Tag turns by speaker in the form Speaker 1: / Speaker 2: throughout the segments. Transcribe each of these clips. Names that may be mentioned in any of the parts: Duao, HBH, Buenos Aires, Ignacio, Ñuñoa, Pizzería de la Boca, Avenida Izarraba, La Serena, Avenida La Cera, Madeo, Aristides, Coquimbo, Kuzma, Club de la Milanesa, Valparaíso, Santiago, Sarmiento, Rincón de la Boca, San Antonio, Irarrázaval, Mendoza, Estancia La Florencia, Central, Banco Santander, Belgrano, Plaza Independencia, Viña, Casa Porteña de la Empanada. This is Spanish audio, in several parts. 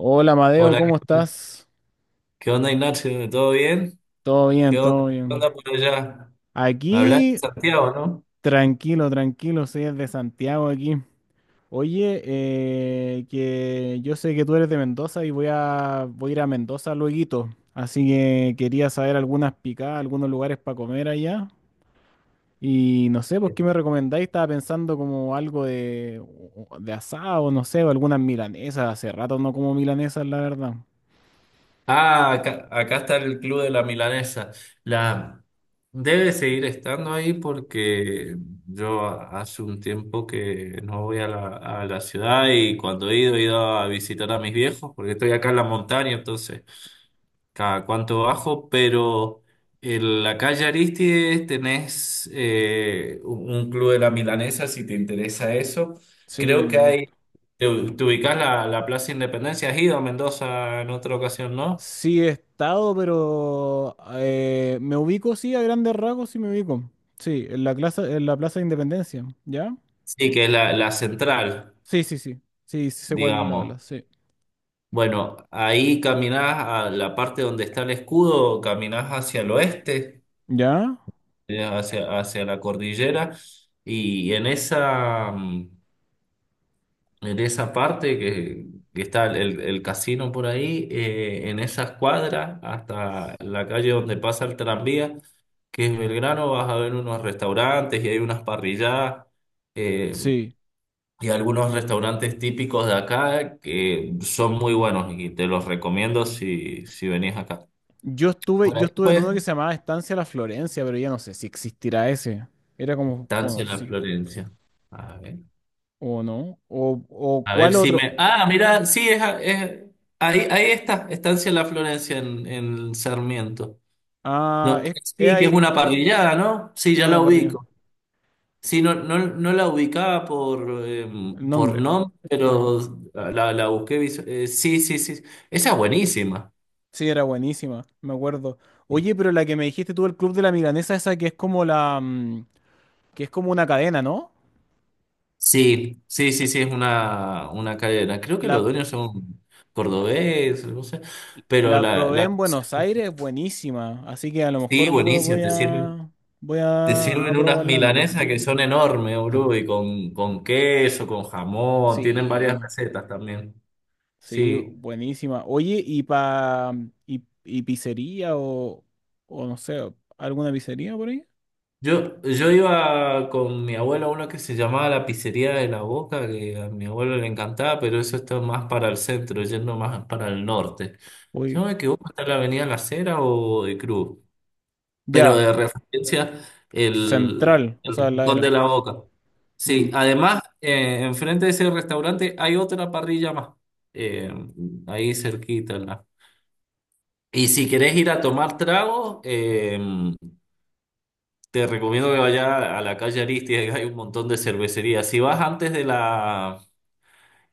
Speaker 1: Hola, Madeo,
Speaker 2: Hola,
Speaker 1: ¿cómo
Speaker 2: ¿qué
Speaker 1: estás?
Speaker 2: qué onda, Ignacio? ¿Todo bien?
Speaker 1: Todo bien, todo
Speaker 2: Qué
Speaker 1: bien.
Speaker 2: onda por allá? Hablas de
Speaker 1: Aquí,
Speaker 2: Santiago, ¿no?
Speaker 1: tranquilo, tranquilo, soy de Santiago aquí. Oye, que yo sé que tú eres de Mendoza y voy a ir a Mendoza lueguito, así que quería saber algunas picadas, algunos lugares para comer allá. Y no sé, pues, ¿qué me recomendáis? Estaba pensando como algo de asado, no sé, o algunas milanesas. Hace rato no como milanesas, la verdad.
Speaker 2: Ah, acá está el Club de la Milanesa. La, debe seguir estando ahí porque hace un tiempo que no voy a a la ciudad, y cuando he ido, he ido a visitar a mis viejos porque estoy acá en la montaña, entonces cada cuánto bajo. Pero en la calle Aristides tenés un Club de la Milanesa, si te interesa eso.
Speaker 1: Sí,
Speaker 2: Creo que
Speaker 1: me
Speaker 2: hay,
Speaker 1: gusta.
Speaker 2: te, te ubicás la Plaza Independencia, has ido a Mendoza en otra ocasión, ¿no?
Speaker 1: Sí he estado, pero me ubico, sí, a grandes rasgos, sí me ubico. Sí, en la Plaza de Independencia, ¿ya?
Speaker 2: Sí, que es la central,
Speaker 1: Sí, sí, sí. Sí, sí sé cuál
Speaker 2: digamos.
Speaker 1: habla, sí.
Speaker 2: Bueno, ahí caminás a la parte donde está el escudo, caminás hacia el oeste,
Speaker 1: ¿Ya?
Speaker 2: hacia la cordillera, y en esa, en esa parte que está el casino por ahí, en esa escuadra, hasta la calle donde pasa el tranvía, que es Belgrano, vas a ver unos restaurantes y hay unas parrilladas eh,
Speaker 1: Sí.
Speaker 2: y algunos restaurantes típicos de acá que son muy buenos, y te los recomiendo si, si venís acá. Por
Speaker 1: Yo
Speaker 2: ahí,
Speaker 1: estuve en
Speaker 2: pues,
Speaker 1: uno que se llamaba Estancia La Florencia, pero ya no sé si existirá ese. Era como
Speaker 2: Estancia La
Speaker 1: conocido.
Speaker 2: Florencia. A ver,
Speaker 1: ¿O no? ¿O
Speaker 2: a ver
Speaker 1: cuál
Speaker 2: si
Speaker 1: otro?
Speaker 2: me... Ah, mira, sí, es, ahí, ahí está, Estancia La Florencia en Sarmiento.
Speaker 1: Ah,
Speaker 2: No,
Speaker 1: es
Speaker 2: sí, que es
Speaker 1: ahí.
Speaker 2: una parrillada, ¿no? Sí,
Speaker 1: Sí,
Speaker 2: ya
Speaker 1: una
Speaker 2: la
Speaker 1: para arriba.
Speaker 2: ubico. Sí, no, no, no la ubicaba
Speaker 1: El
Speaker 2: por
Speaker 1: nombre.
Speaker 2: nombre,
Speaker 1: Ajá.
Speaker 2: pero la busqué. Sí, sí, sí. Esa es buenísima.
Speaker 1: Sí, era buenísima, me acuerdo. Oye, pero la que me dijiste tú, el Club de la Milanesa, esa que es como que es como una cadena, ¿no?
Speaker 2: Sí, sí, sí, sí, es una cadena. Creo que los
Speaker 1: La,
Speaker 2: dueños son cordobés, no sé. Pero
Speaker 1: la probé en Buenos Aires, buenísima. Así que a lo mejor
Speaker 2: sí,
Speaker 1: vo-
Speaker 2: buenísimo,
Speaker 1: voy
Speaker 2: te
Speaker 1: a
Speaker 2: sirven unas
Speaker 1: probarla, ¿no?
Speaker 2: milanesas que son enormes, boludo, y con queso, con jamón, tienen varias
Speaker 1: Sí,
Speaker 2: recetas también.
Speaker 1: sí,
Speaker 2: Sí.
Speaker 1: buenísima. Oye, y pizzería o no sé, ¿alguna pizzería por ahí?
Speaker 2: Yo iba con mi abuelo a uno que se llamaba la Pizzería de la Boca, que a mi abuelo le encantaba, pero eso está más para el centro, yendo más para el norte. Si
Speaker 1: Oye,
Speaker 2: no me equivoco, está en la Avenida La Cera o de Cruz, pero
Speaker 1: ya,
Speaker 2: de referencia
Speaker 1: Central, o
Speaker 2: el
Speaker 1: sea, la
Speaker 2: Rincón de
Speaker 1: era.
Speaker 2: la Boca. Sí,
Speaker 1: Mm.
Speaker 2: además, enfrente de ese restaurante hay otra parrilla más, eh, ahí cerquita, ¿no? Y si querés ir a tomar tragos, te recomiendo que vayas a la calle Aristides, que hay un montón de cervecerías. Si vas antes de la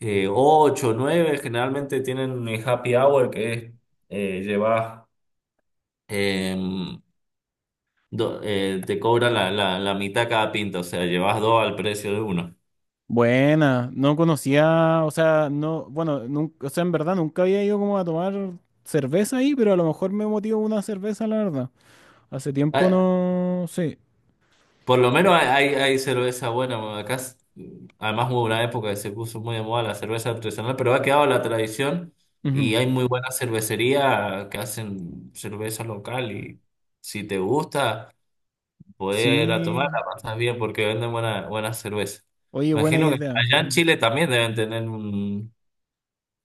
Speaker 2: eh, 8 o 9, generalmente tienen happy hour, que es eh, llevas, em, te cobran la mitad cada pinta, o sea, llevas dos al precio de uno.
Speaker 1: Buena, no conocía, o sea, no, bueno, nunca, o sea, en verdad nunca había ido como a tomar cerveza ahí, pero a lo mejor me motivo una cerveza, la verdad. Hace tiempo
Speaker 2: Ah,
Speaker 1: no, sí.
Speaker 2: por lo menos hay, hay cerveza buena. Además, hubo una época que se puso muy de moda la cerveza artesanal, pero ha quedado la tradición, y
Speaker 1: Ujú.
Speaker 2: hay muy buena cervecería que hacen cerveza local, y si te gusta, podés ir a
Speaker 1: Sí,
Speaker 2: tomar, la pasas bien porque venden buena, buena cerveza.
Speaker 1: oye, buena
Speaker 2: Imagino que
Speaker 1: idea.
Speaker 2: allá en
Speaker 1: Mm.
Speaker 2: Chile también deben tener un...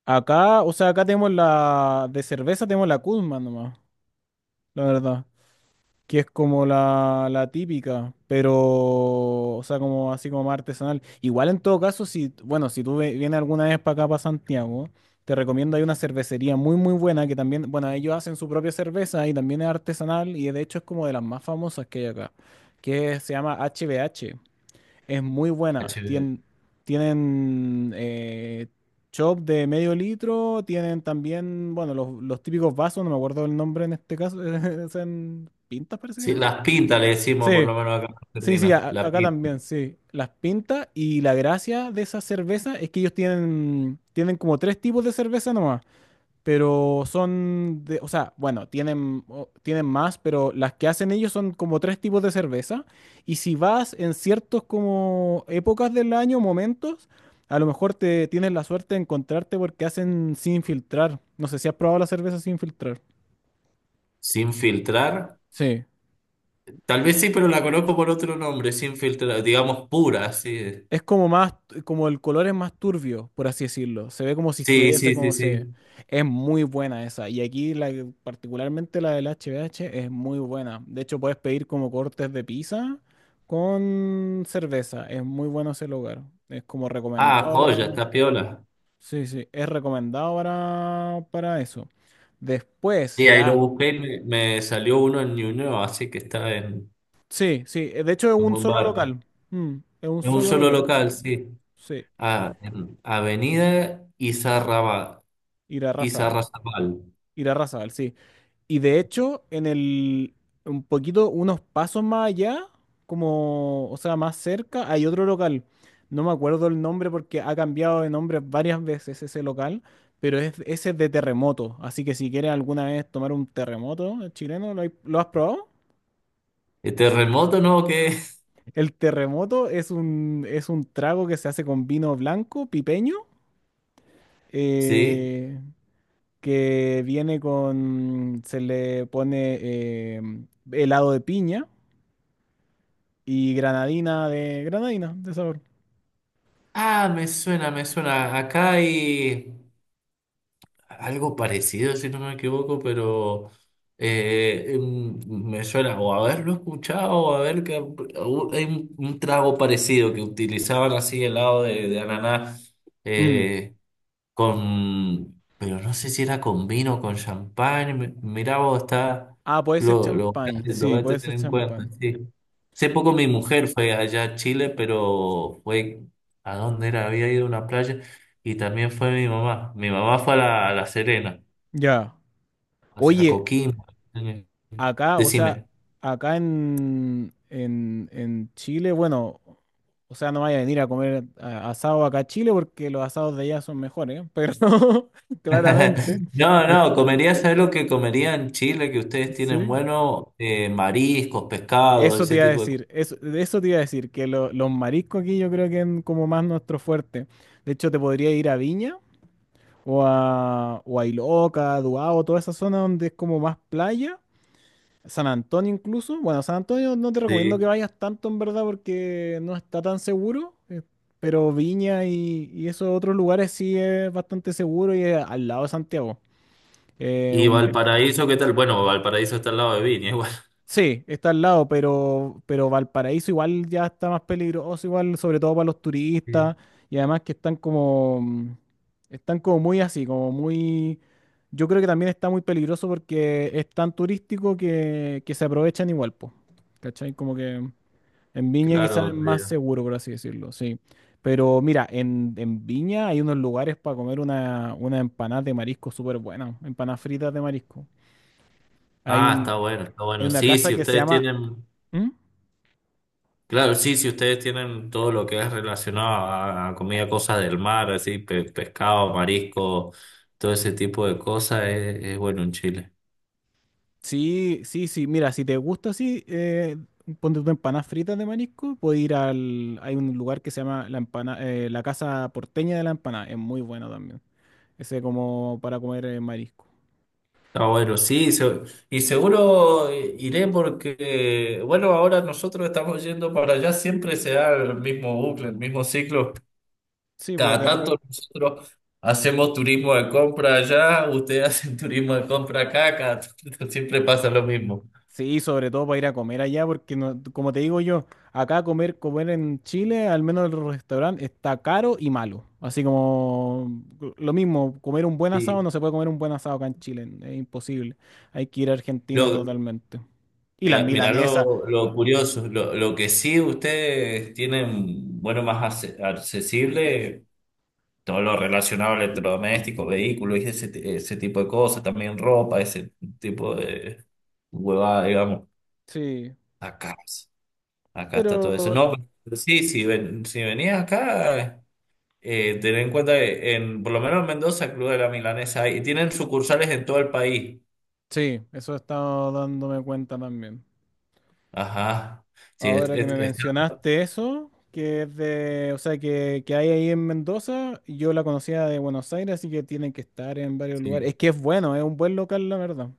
Speaker 1: Acá, o sea, acá tenemos la, de cerveza tenemos la Kuzma nomás, la verdad. Que es como la típica, pero, o sea, como así como más artesanal. Igual en todo caso, si, bueno, si tú ve- vienes alguna vez para acá, para Santiago, te recomiendo, hay una cervecería muy buena que también, bueno, ellos hacen su propia cerveza y también es artesanal y de hecho es como de las más famosas que hay acá, que se llama HBH. Es muy
Speaker 2: H
Speaker 1: buena.
Speaker 2: B.
Speaker 1: Tien- tienen chop de medio litro, tienen también, bueno, los típicos vasos, no me acuerdo el nombre en este caso, es en pintas parece que le
Speaker 2: Sí,
Speaker 1: llaman.
Speaker 2: las pintas le decimos, por
Speaker 1: Sí,
Speaker 2: lo menos acá en
Speaker 1: sí, sí,
Speaker 2: Argentina,
Speaker 1: a-
Speaker 2: la
Speaker 1: acá
Speaker 2: pinta.
Speaker 1: también, sí. Las pintas y la gracia de esa cerveza es que ellos tienen, tienen como tres tipos de cerveza nomás, pero son de, o sea, bueno, tienen, o- tienen más, pero las que hacen ellos son como tres tipos de cerveza. Y si vas en ciertos como épocas del año, momentos, a lo mejor te tienes la suerte de encontrarte porque hacen sin filtrar. No sé si has probado la cerveza sin filtrar.
Speaker 2: Sin filtrar.
Speaker 1: Sí.
Speaker 2: Tal vez sí, pero la conozco por otro nombre, sin filtrar, digamos pura, sí.
Speaker 1: Es como más, como el color es más turbio, por así decirlo. Se ve como si
Speaker 2: Sí,
Speaker 1: estuviese
Speaker 2: sí, sí,
Speaker 1: como se...
Speaker 2: sí.
Speaker 1: Es muy buena esa. Y aquí la, que- particularmente la del HBH es muy buena. De hecho, puedes pedir como cortes de pizza con cerveza. Es muy bueno ese lugar. Es como
Speaker 2: Ah,
Speaker 1: recomendado
Speaker 2: joya,
Speaker 1: para...
Speaker 2: está piola.
Speaker 1: Sí, sí, es recomendado para eso. Después,
Speaker 2: Sí, ahí lo
Speaker 1: ya...
Speaker 2: busqué y me salió uno en Ñuñoa, así que está en
Speaker 1: Sí, sí. De hecho, es
Speaker 2: un
Speaker 1: un
Speaker 2: buen
Speaker 1: solo
Speaker 2: barrio.
Speaker 1: local. Mm, es un
Speaker 2: En un
Speaker 1: solo
Speaker 2: solo
Speaker 1: local.
Speaker 2: local, sí.
Speaker 1: Sí.
Speaker 2: Ah, en Avenida Izarraba,
Speaker 1: Ir a
Speaker 2: Izarrazabal.
Speaker 1: Irarrázaval, sí. Y de hecho, en el, un poquito, unos pasos más allá, como, o sea, más cerca, hay otro local. No me acuerdo el nombre porque ha cambiado de nombre varias veces ese local, pero es, ese es de terremoto. Así que si quieres alguna vez tomar un terremoto chileno, ¿lo, hay- lo has probado?
Speaker 2: ¿El terremoto no? ¿O qué?
Speaker 1: El terremoto es un trago que se hace con vino blanco, pipeño,
Speaker 2: Sí.
Speaker 1: eh, que viene con, se le pone eh, helado de piña y granadina de... Granadina, de sabor.
Speaker 2: Ah, me suena, me suena. Acá hay algo parecido, si no me equivoco, pero me suena o haberlo escuchado o haber que o hay un trago parecido que utilizaban así helado de ananá.
Speaker 1: Mm.
Speaker 2: eh, con, pero no sé si era con vino o con champán. Mi- Mirá vos, está,
Speaker 1: Ah, puede ser champán.
Speaker 2: lo
Speaker 1: Sí,
Speaker 2: voy a
Speaker 1: puede
Speaker 2: tener
Speaker 1: ser
Speaker 2: en cuenta,
Speaker 1: champán.
Speaker 2: sí. Hace poco
Speaker 1: Eh,
Speaker 2: mi mujer fue allá a Chile, pero fue a dónde era, había ido a una playa, y también fue mi mamá. Mi mamá fue a a La Serena,
Speaker 1: Ya.
Speaker 2: o sea, a
Speaker 1: Oye,
Speaker 2: Coquimbo.
Speaker 1: acá, o sea,
Speaker 2: Decime.
Speaker 1: acá en Chile, bueno, o sea, no vaya a venir a comer a- asado acá a Chile porque los asados de allá son mejores, ¿eh? Pero claramente.
Speaker 2: No,
Speaker 1: Eh,
Speaker 2: no, comería. ¿Sabes lo que comería en Chile que ustedes tienen
Speaker 1: sí.
Speaker 2: bueno? Mariscos, pescados,
Speaker 1: Eso te
Speaker 2: ese
Speaker 1: iba a
Speaker 2: tipo de cosas.
Speaker 1: decir, eso, de eso te iba a decir, que lo- los mariscos aquí yo creo que es como más nuestro fuerte. De hecho, te podría ir a Viña o a Iloca, Duao, toda esa zona donde es como más playa, San Antonio incluso. Bueno, San Antonio no te recomiendo que vayas tanto en verdad porque no está tan seguro, pero Viña y esos otros lugares sí es bastante seguro y es al lado de Santiago.
Speaker 2: ¿Y
Speaker 1: Un
Speaker 2: Valparaíso qué tal? Bueno, Valparaíso está al lado de Viña, igual.
Speaker 1: sí, está al lado, pero Valparaíso igual ya está más peligroso, igual, sobre todo para los turistas,
Speaker 2: Sí.
Speaker 1: y además que están como, mm, están como muy así, como muy, yo creo que también está muy peligroso porque es tan turístico que se aprovechan igual, pues, ¿cachai? Como que en Viña
Speaker 2: Claro,
Speaker 1: quizás es más
Speaker 2: donde-
Speaker 1: seguro, por así decirlo, sí. Pero mira, en Viña hay unos lugares para comer una empanada de marisco súper buena, empanadas fritas de marisco. Hay
Speaker 2: Ah,
Speaker 1: un,
Speaker 2: está bueno, está
Speaker 1: hay
Speaker 2: bueno.
Speaker 1: una
Speaker 2: Sí,
Speaker 1: casa
Speaker 2: si
Speaker 1: que se
Speaker 2: ustedes
Speaker 1: llama...
Speaker 2: tienen,
Speaker 1: ¿Mm?
Speaker 2: claro, sí, si ustedes tienen todo lo que es relacionado a comida, cosas del mar, así, pescado, marisco, todo ese tipo de cosas, es bueno en Chile.
Speaker 1: Sí, sí, sí. Mira, si te gusta así, ponte tus empanadas fritas de marisco. Puedes ir al. Hay un lugar que se llama la, empana, la Casa Porteña de la Empanada. Es muy bueno también. Ese como para comer marisco.
Speaker 2: Está bueno, sí, y seguro iré porque, bueno, ahora nosotros estamos yendo para allá, siempre se da el mismo bucle, el mismo ciclo.
Speaker 1: Sí, pues
Speaker 2: Cada
Speaker 1: de repente.
Speaker 2: tanto nosotros hacemos turismo de compra allá, ustedes hacen turismo de compra acá, cada tanto siempre pasa lo mismo.
Speaker 1: Sí, sobre todo para ir a comer allá, porque no- como te digo yo, acá comer en Chile, al menos el restaurante, está caro y malo. Así como lo mismo, comer un buen asado,
Speaker 2: Sí.
Speaker 1: no se puede comer un buen asado acá en Chile, es imposible. Hay que ir a Argentina
Speaker 2: Lo,
Speaker 1: totalmente. Y las
Speaker 2: mira, mira
Speaker 1: milanesas
Speaker 2: lo curioso, lo que sí ustedes tienen, bueno, más accesible, todo lo relacionado a electrodomésticos, vehículos y ese tipo de cosas, también ropa, ese tipo de huevada, digamos.
Speaker 1: sí,
Speaker 2: Acá, acá está
Speaker 1: pero
Speaker 2: todo eso. No, pero sí, si, ven, si venías acá. Tener en cuenta que en, por lo menos en Mendoza, Club de la Milanesa hay, y tienen sucursales en todo el país.
Speaker 1: sí, eso he estado dándome cuenta también.
Speaker 2: Ajá. Sí,
Speaker 1: Ahora que me mencionaste eso, que es de, o sea, que hay ahí en Mendoza, yo la conocía de Buenos Aires, así que tienen que estar en varios lugares. Es
Speaker 2: sí,
Speaker 1: que es bueno, es un buen local, la verdad.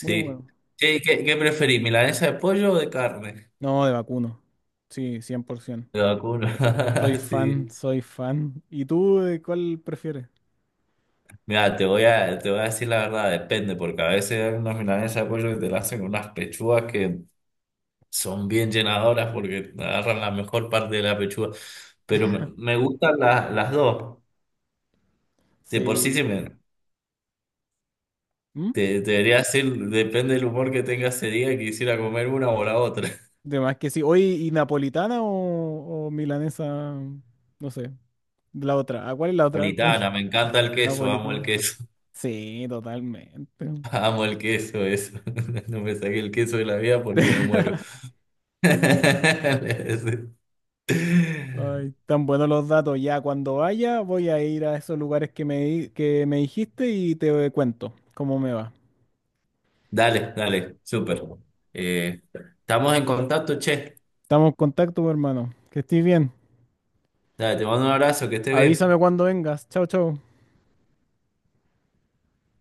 Speaker 1: Muy bueno.
Speaker 2: ¿Qué, qué, qué preferís, milanesa de pollo o de carne?
Speaker 1: No, de vacuno. Sí, 100%.
Speaker 2: De vacuna.
Speaker 1: Soy fan,
Speaker 2: Sí.
Speaker 1: soy fan. ¿Y tú de cuál prefieres?
Speaker 2: Mira, te voy a decir la verdad, depende, porque a veces hay unas milanesas de pollo que te la hacen con unas pechugas que son bien llenadoras porque agarran la mejor parte de la pechuga. Pero me, me gustan las dos. De por sí,
Speaker 1: Sí.
Speaker 2: sí me,
Speaker 1: ¿Mm?
Speaker 2: te debería decir, depende del humor que tenga ese día, quisiera comer una o la otra.
Speaker 1: De más que sí. Oye, ¿y napolitana o milanesa? No sé. La otra. ¿A cuál es la otra?
Speaker 2: Napolitana, me encanta el queso, amo el
Speaker 1: Napolitano.
Speaker 2: queso.
Speaker 1: Sí, totalmente.
Speaker 2: Amo el queso, eso. No me saqué el queso de la vida porque me muero.
Speaker 1: Ay, tan buenos los datos. Ya cuando vaya, voy a ir a esos lugares que me, di- que me dijiste y te cuento cómo me va.
Speaker 2: Dale, dale, súper. Eh, estamos en contacto, che.
Speaker 1: Estamos en contacto, hermano. Que estés bien.
Speaker 2: Dale, te mando un abrazo, que estés
Speaker 1: Avísame
Speaker 2: bien.
Speaker 1: cuando vengas. Chao, chao.